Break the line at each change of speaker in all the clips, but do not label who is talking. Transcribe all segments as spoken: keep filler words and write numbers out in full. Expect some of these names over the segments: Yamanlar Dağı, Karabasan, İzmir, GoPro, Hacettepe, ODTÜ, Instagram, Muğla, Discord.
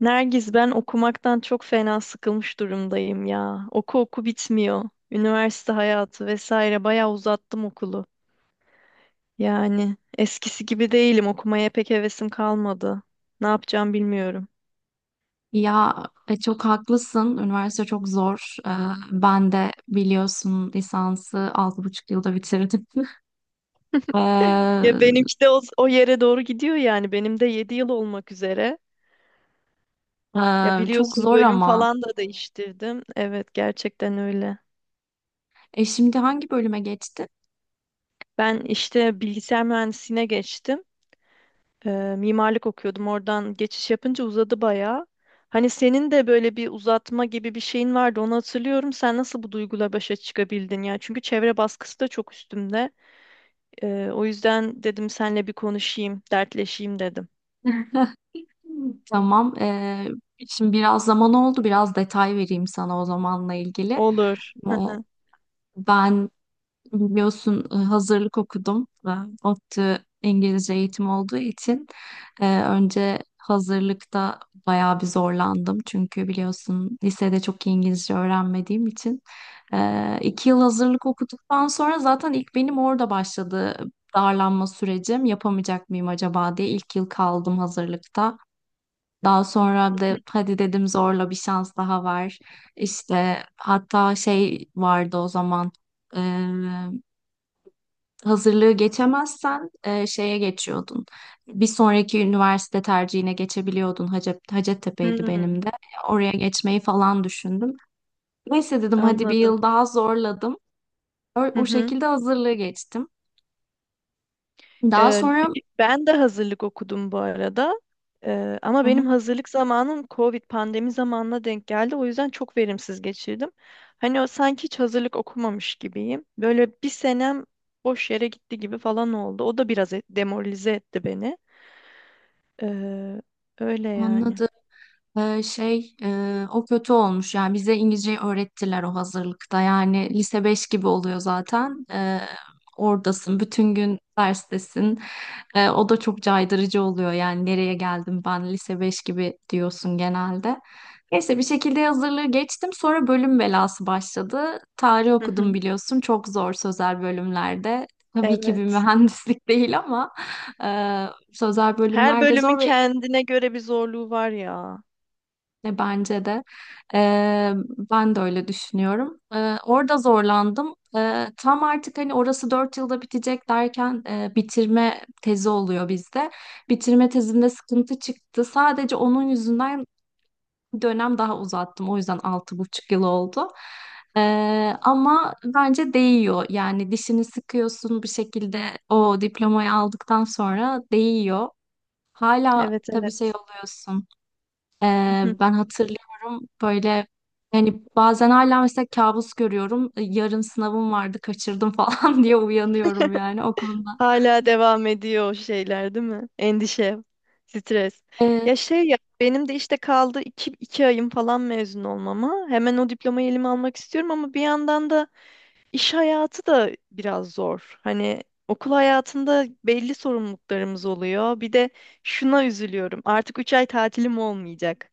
Nergiz ben okumaktan çok fena sıkılmış durumdayım ya. Oku oku bitmiyor. Üniversite hayatı vesaire bayağı uzattım okulu. Yani eskisi gibi değilim. Okumaya pek hevesim kalmadı. Ne yapacağım bilmiyorum.
Ya e, çok haklısın. Üniversite çok zor. Ee, ben de biliyorsun lisansı altı buçuk yılda bitirdim. Ee,
Ya benimki de o, o yere doğru gidiyor yani. Benim de yedi yıl olmak üzere.
e,
Ya
Çok
biliyorsun
zor
bölüm
ama.
falan da değiştirdim. Evet gerçekten öyle.
E şimdi hangi bölüme geçtin?
Ben işte bilgisayar mühendisliğine geçtim. E, mimarlık okuyordum. Oradan geçiş yapınca uzadı bayağı. Hani senin de böyle bir uzatma gibi bir şeyin vardı. Onu hatırlıyorum. Sen nasıl bu duyguyla başa çıkabildin ya? Çünkü çevre baskısı da çok üstümde. E, o yüzden dedim senle bir konuşayım, dertleşeyim dedim.
Tamam. E, şimdi biraz zaman oldu. Biraz detay vereyim sana o zamanla ilgili.
Olur.
O- Ben biliyorsun e, hazırlık okudum ve ODTÜ İngilizce eğitim olduğu için e, önce hazırlıkta bayağı bir zorlandım. Çünkü biliyorsun lisede çok iyi İngilizce öğrenmediğim için. E, iki yıl hazırlık okuduktan sonra zaten ilk benim orada başladı darlanma sürecim. Yapamayacak mıyım acaba diye ilk yıl kaldım hazırlıkta. Daha sonra da hadi dedim zorla bir şans daha var. İşte hatta şey vardı o zaman hazırlığı geçemezsen e, şeye geçiyordun. Bir sonraki üniversite tercihine geçebiliyordun. Hacep, Hacettepe'ydi
Hmm,
benim de. Oraya geçmeyi falan düşündüm. Neyse dedim hadi bir
anladım.
yıl daha zorladım. O, o şekilde hazırlığı geçtim. Daha
Ee,
sonra
bi- Ben de hazırlık okudum bu arada. Ee, ama
hı hı,
benim hazırlık zamanım Covid pandemi zamanına denk geldi. O yüzden çok verimsiz geçirdim. Hani o sanki hiç hazırlık okumamış gibiyim. Böyle bir senem boş yere gitti gibi falan oldu. O da biraz et- demoralize etti beni. Ee, Öyle yani.
anladım. Ee, şey e, o kötü olmuş yani bize İngilizceyi öğrettiler o hazırlıkta yani lise beş gibi oluyor zaten. Ee, oradasın bütün gün derstesin. Ee, o da çok caydırıcı oluyor yani nereye geldim ben lise beş gibi diyorsun genelde. Neyse bir şekilde hazırlığı geçtim sonra bölüm belası başladı, tarih
Hı
okudum
hı.
biliyorsun, çok zor sözel bölümlerde, tabii ki bir
Evet.
mühendislik değil ama e, sözel
Her
bölümlerde
bölümün
zor ve
kendine göre bir zorluğu var ya.
e, bence de. E, Ben de öyle düşünüyorum. E, orada zorlandım. E, tam artık hani orası dört yılda bitecek derken e, bitirme tezi oluyor bizde. Bitirme tezimde sıkıntı çıktı. Sadece onun yüzünden dönem daha uzattım. O yüzden altı buçuk yıl oldu. E, Ama bence değiyor. Yani dişini sıkıyorsun bir şekilde, o diplomayı aldıktan sonra değiyor. Hala
Evet
tabii şey
evet.
oluyorsun.
Hı
Ee,
hı.
Ben hatırlıyorum böyle, yani bazen hala mesela kabus görüyorum. Ee, Yarın sınavım vardı kaçırdım falan diye uyanıyorum yani o konuda.
Hala devam ediyor o şeyler değil mi? Endişe, stres.
Ee,
Ya şey ya benim de işte kaldı iki, iki ayım falan mezun olmama. Hemen o diplomayı elime almak istiyorum ama bir yandan da iş hayatı da biraz zor. Hani okul hayatında belli sorumluluklarımız oluyor. Bir de şuna üzülüyorum. Artık üç ay tatilim olmayacak.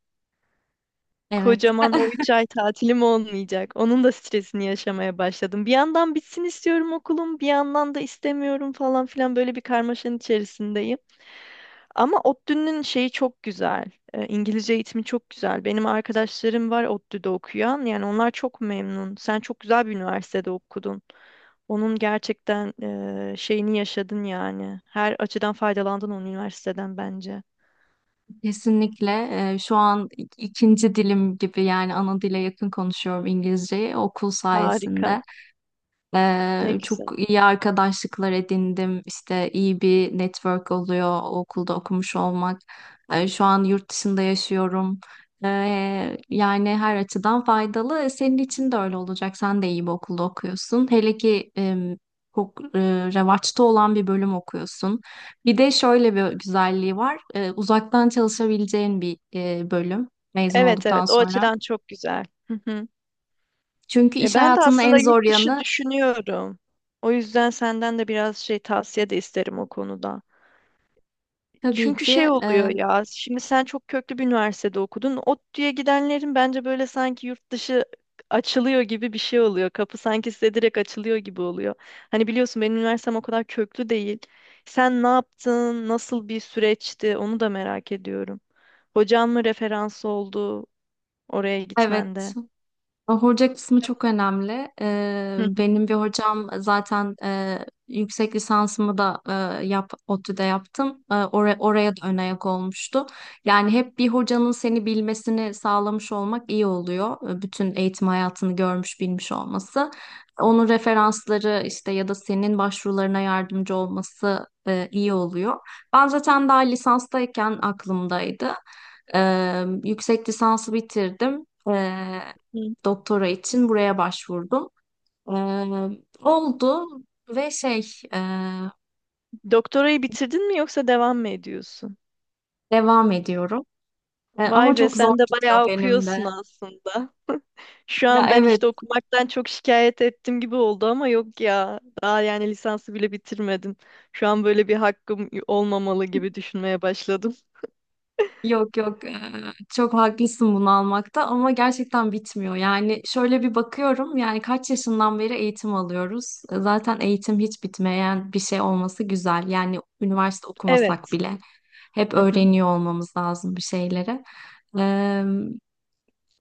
evet,
Kocaman o üç ay tatilim olmayacak. Onun da stresini yaşamaya başladım. Bir yandan bitsin istiyorum okulum, bir yandan da istemiyorum falan filan böyle bir karmaşanın içerisindeyim. Ama ODTÜ'nün şeyi çok güzel. E, İngilizce eğitimi çok güzel. Benim arkadaşlarım var ODTÜ'de okuyan. Yani onlar çok memnun. Sen çok güzel bir üniversitede okudun. Onun gerçekten e, şeyini yaşadın yani. Her açıdan faydalandın onun üniversiteden bence.
kesinlikle. Ee, şu an ik- ikinci dilim gibi yani ana dile yakın konuşuyorum İngilizceyi okul
Harika.
sayesinde.
Ne
Ee, çok
güzel.
iyi arkadaşlıklar edindim. İşte iyi bir network oluyor o okulda okumuş olmak. Ee, şu an yurt dışında yaşıyorum. Ee, yani her açıdan faydalı. Senin için de öyle olacak. Sen de iyi bir okulda okuyorsun. Hele ki em, çok e, revaçta olan bir bölüm okuyorsun. Bir de şöyle bir güzelliği var. Ee, uzaktan çalışabileceğin bir e, bölüm mezun
Evet
olduktan
evet o
sonra.
açıdan çok güzel.
Çünkü
E
iş
ben de
hayatının en
aslında
zor
yurt dışı
yanı,
düşünüyorum. O yüzden senden de biraz şey tavsiye de isterim o konuda.
tabii
Çünkü
ki,
şey oluyor
e,
ya, şimdi sen çok köklü bir üniversitede okudun. ODTÜ'ye gidenlerin bence böyle sanki yurt dışı açılıyor gibi bir şey oluyor. Kapı sanki size direkt açılıyor gibi oluyor. Hani biliyorsun benim üniversitem o kadar köklü değil. Sen ne yaptın, nasıl bir süreçti onu da merak ediyorum. Hocan mı referans oldu oraya
evet.
gitmende?
Hoca kısmı çok önemli. Ee,
Hı
benim bir hocam zaten, e, yüksek lisansımı da e, yap, ODTÜ'de yaptım. E, oraya, oraya da ön ayak olmuştu. Yani hep bir hocanın seni bilmesini sağlamış olmak iyi oluyor. E, Bütün eğitim hayatını görmüş bilmiş olması. Onun referansları işte, ya da senin başvurularına yardımcı olması e, iyi oluyor. Ben zaten daha lisanstayken aklımdaydı. Ee, yüksek lisansı bitirdim,
hı.
doktora için buraya başvurdum. Ee, Oldu ve şey e,
Doktorayı bitirdin mi yoksa devam mı ediyorsun?
devam ediyorum. E,
Vay
ama
be
çok zor
sen de
gidiyor
bayağı
benim
okuyorsun
de.
aslında. Şu
Ya
an ben
evet,
işte okumaktan çok şikayet ettim gibi oldu ama yok ya. Daha yani lisansı bile bitirmedim. Şu an böyle bir hakkım olmamalı gibi düşünmeye başladım.
yok yok, e, çok haklısın bunu almakta ama gerçekten bitmiyor. Yani şöyle bir bakıyorum yani kaç yaşından beri eğitim alıyoruz. E, Zaten eğitim hiç bitmeyen bir şey olması güzel. Yani üniversite okumasak
Evet.
bile hep
Hı hı.
öğreniyor olmamız lazım bir şeyleri.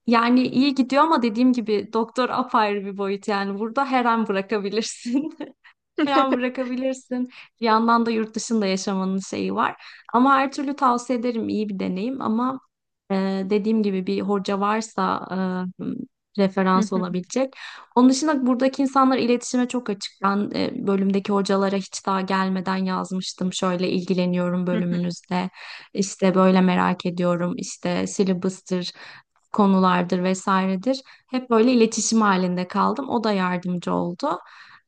Yani iyi gidiyor ama dediğim gibi doktor apayrı bir boyut yani burada her an bırakabilirsin. Falan bırakabilirsin. Bir yandan da yurt dışında yaşamanın şeyi var. Ama her türlü tavsiye ederim, iyi bir deneyim ama e, dediğim gibi bir hoca varsa e,
Hı
referans
hı,
olabilecek. Onun dışında buradaki insanlar iletişime çok açık. Ben e, bölümdeki hocalara hiç daha gelmeden yazmıştım. Şöyle ilgileniyorum
hı hı.
bölümünüzde. İşte böyle merak ediyorum. İşte syllabus'tır, konulardır vesairedir. Hep böyle iletişim halinde kaldım. O da yardımcı oldu.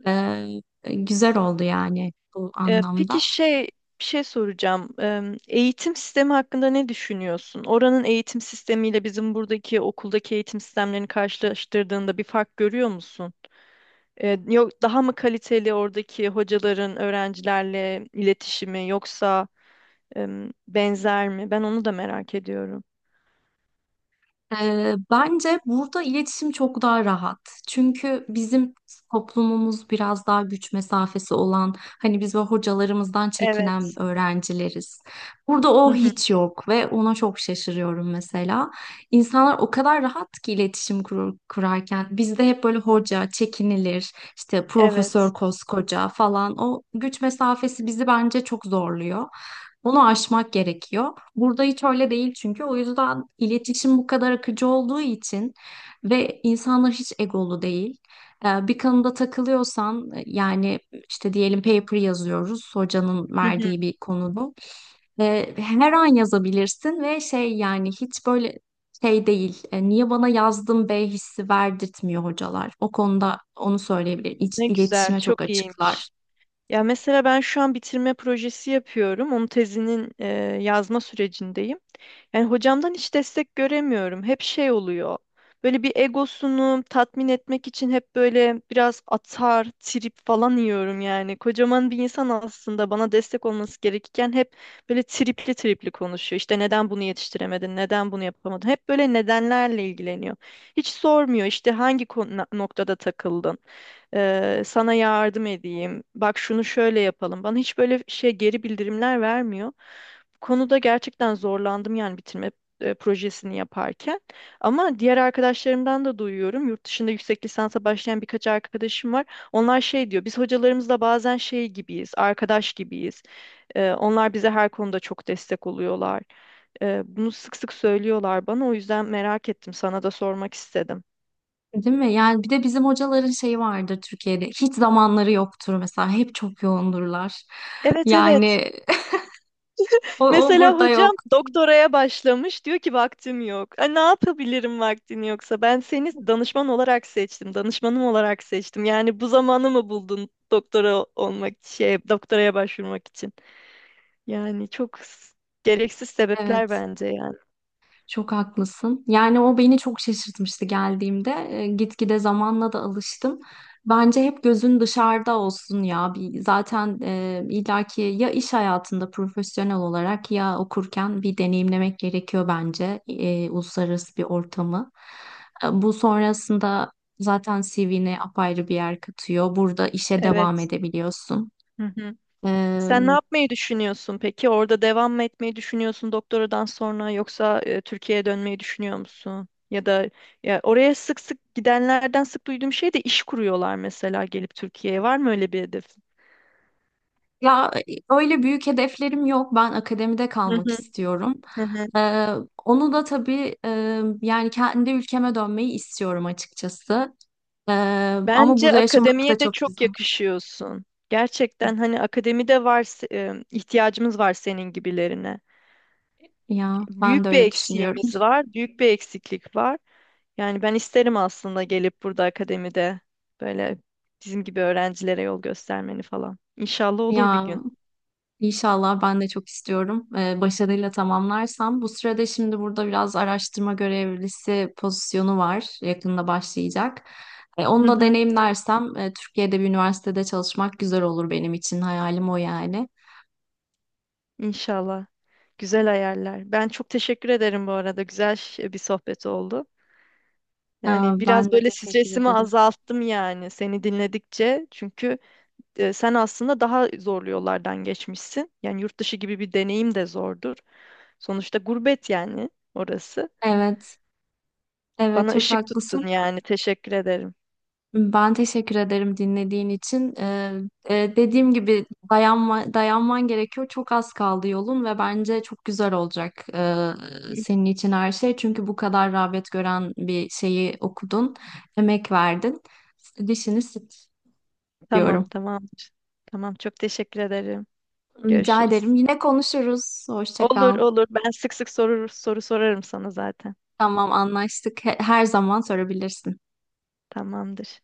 Ee, Güzel oldu yani bu
Ee, peki
anlamda.
şey bir şey soracağım. Em, eğitim sistemi hakkında ne düşünüyorsun? Oranın eğitim sistemiyle bizim buradaki okuldaki eğitim sistemlerini karşılaştırdığında bir fark görüyor musun? E, yok daha mı kaliteli oradaki hocaların öğrencilerle iletişimi yoksa em, benzer mi? Ben onu da merak ediyorum.
Ee, bence burada iletişim çok daha rahat. Çünkü bizim toplumumuz biraz daha güç mesafesi olan, hani biz böyle hocalarımızdan çekinen
Evet.
öğrencileriz. Burada
Hı
o
hı,
hiç yok ve ona çok şaşırıyorum mesela. İnsanlar o kadar rahat ki iletişim kurur- kurarken. Bizde hep böyle hoca çekinilir, işte
evet.
profesör koskoca falan. O güç mesafesi bizi bence çok zorluyor. Onu aşmak gerekiyor. Burada hiç öyle değil çünkü. O yüzden iletişim bu kadar akıcı olduğu için ve insanlar hiç egolu değil. Ee, Bir konuda takılıyorsan e, yani işte diyelim paper yazıyoruz hocanın
Hı hı.
verdiği bir konuda. Ve her an yazabilirsin ve şey yani hiç böyle şey değil. E, niye bana yazdın be hissi verdirtmiyor hocalar. O konuda onu söyleyebilirim. İç,
Ne güzel,
iletişime çok
çok iyiymiş.
açıklar.
Ya mesela ben şu an bitirme projesi yapıyorum. Onun tezinin e, yazma sürecindeyim. Yani hocamdan hiç destek göremiyorum. Hep şey oluyor. Böyle bir egosunu tatmin etmek için hep böyle biraz atar, trip falan yiyorum yani. Kocaman bir insan aslında bana destek olması gerekirken hep böyle tripli tripli konuşuyor. İşte neden bunu yetiştiremedin, neden bunu yapamadın? Hep böyle nedenlerle ilgileniyor. Hiç sormuyor işte hangi konu- noktada takıldın, Ee, sana yardım edeyim, bak şunu şöyle yapalım. Bana hiç böyle şey geri bildirimler vermiyor konuda gerçekten zorlandım yani bitirme e, projesini yaparken. Ama diğer arkadaşlarımdan da duyuyorum. Yurt dışında yüksek lisansa başlayan birkaç arkadaşım var. Onlar şey diyor, biz hocalarımızla bazen şey gibiyiz, arkadaş gibiyiz. E, onlar bize her konuda çok destek oluyorlar. E, bunu sık sık söylüyorlar bana. O yüzden merak ettim, sana da sormak istedim.
Değil mi? Yani bir de bizim hocaların şeyi vardır Türkiye'de. Hiç zamanları yoktur mesela. Hep çok yoğundurlar.
Evet evet.
Yani o, o
Mesela
burada yok.
hocam doktoraya başlamış diyor ki vaktim yok. E, ne yapabilirim vaktin yoksa? Ben seni danışman olarak seçtim, danışmanım olarak seçtim. Yani bu zamanı mı buldun doktora olmak, şey, doktoraya başvurmak için? Yani çok s- gereksiz sebepler
Evet.
bence yani.
Çok haklısın. Yani o beni çok şaşırtmıştı geldiğimde. E, gitgide zamanla da alıştım. Bence hep gözün dışarıda olsun ya. Bir, zaten e, illaki ya iş hayatında profesyonel olarak ya okurken bir deneyimlemek gerekiyor bence e, uluslararası bir ortamı. E, bu sonrasında zaten C V'ne apayrı bir yer katıyor. Burada işe devam
Evet.
edebiliyorsun.
Hı hı.
Ee,
Sen ne yapmayı düşünüyorsun peki? Orada devam mı etmeyi düşünüyorsun doktoradan sonra yoksa e, Türkiye'ye dönmeyi düşünüyor musun? Ya da ya oraya sık sık gidenlerden sık duyduğum şey de iş kuruyorlar mesela gelip Türkiye'ye. Var mı öyle bir hedef?
Ya öyle büyük hedeflerim yok. Ben akademide
Hı
kalmak
hı,
istiyorum.
hı hı.
Ee, Onu da tabii e, yani kendi ülkeme dönmeyi istiyorum açıkçası. Ee, Ama
Bence
burada yaşamak da
akademiye de
çok
çok
güzel.
yakışıyorsun. Gerçekten hani akademide var se- e, ihtiyacımız var senin gibilerine.
Ya ben de
Büyük bir
öyle düşünüyorum.
eksiğimiz var, büyük bir eksiklik var. Yani ben isterim aslında gelip burada akademide böyle bizim gibi öğrencilere yol göstermeni falan. İnşallah olur bir
Ya
gün.
inşallah ben de çok istiyorum. Ee, başarıyla tamamlarsam. Bu sırada şimdi burada biraz araştırma görevlisi pozisyonu var. Yakında başlayacak. E,
Hı
onu da
hı,
deneyimlersem e, Türkiye'de bir üniversitede çalışmak güzel olur benim için. Hayalim o yani.
İnşallah. Güzel hayaller. Ben çok teşekkür ederim bu arada. Güzel ş- bir sohbet oldu.
Aa,
Yani biraz
ben de
böyle
teşekkür
stresimi
ederim.
azalttım yani seni dinledikçe. Çünkü e, sen aslında daha zorlu yollardan geçmişsin. Yani yurt dışı gibi bir deneyim de zordur. Sonuçta gurbet yani orası.
Evet, evet,
Bana
çok
ışık
haklısın.
tuttun yani. Teşekkür ederim.
Ben teşekkür ederim dinlediğin için. Ee, e, dediğim gibi dayanma, dayanman gerekiyor. Çok az kaldı yolun ve bence çok güzel olacak ee, senin için her şey. Çünkü bu kadar rağbet gören bir şeyi okudun, emek verdin. Dişini sık
Tamam,
diyorum.
tamamdır. Tamam, çok teşekkür ederim.
Rica
Görüşürüz.
ederim. Yine konuşuruz. Hoşça
Olur,
kal.
olur. Ben sık sık soru soru sorarım sana zaten.
Tamam, anlaştık. He- Her zaman sorabilirsin.
Tamamdır.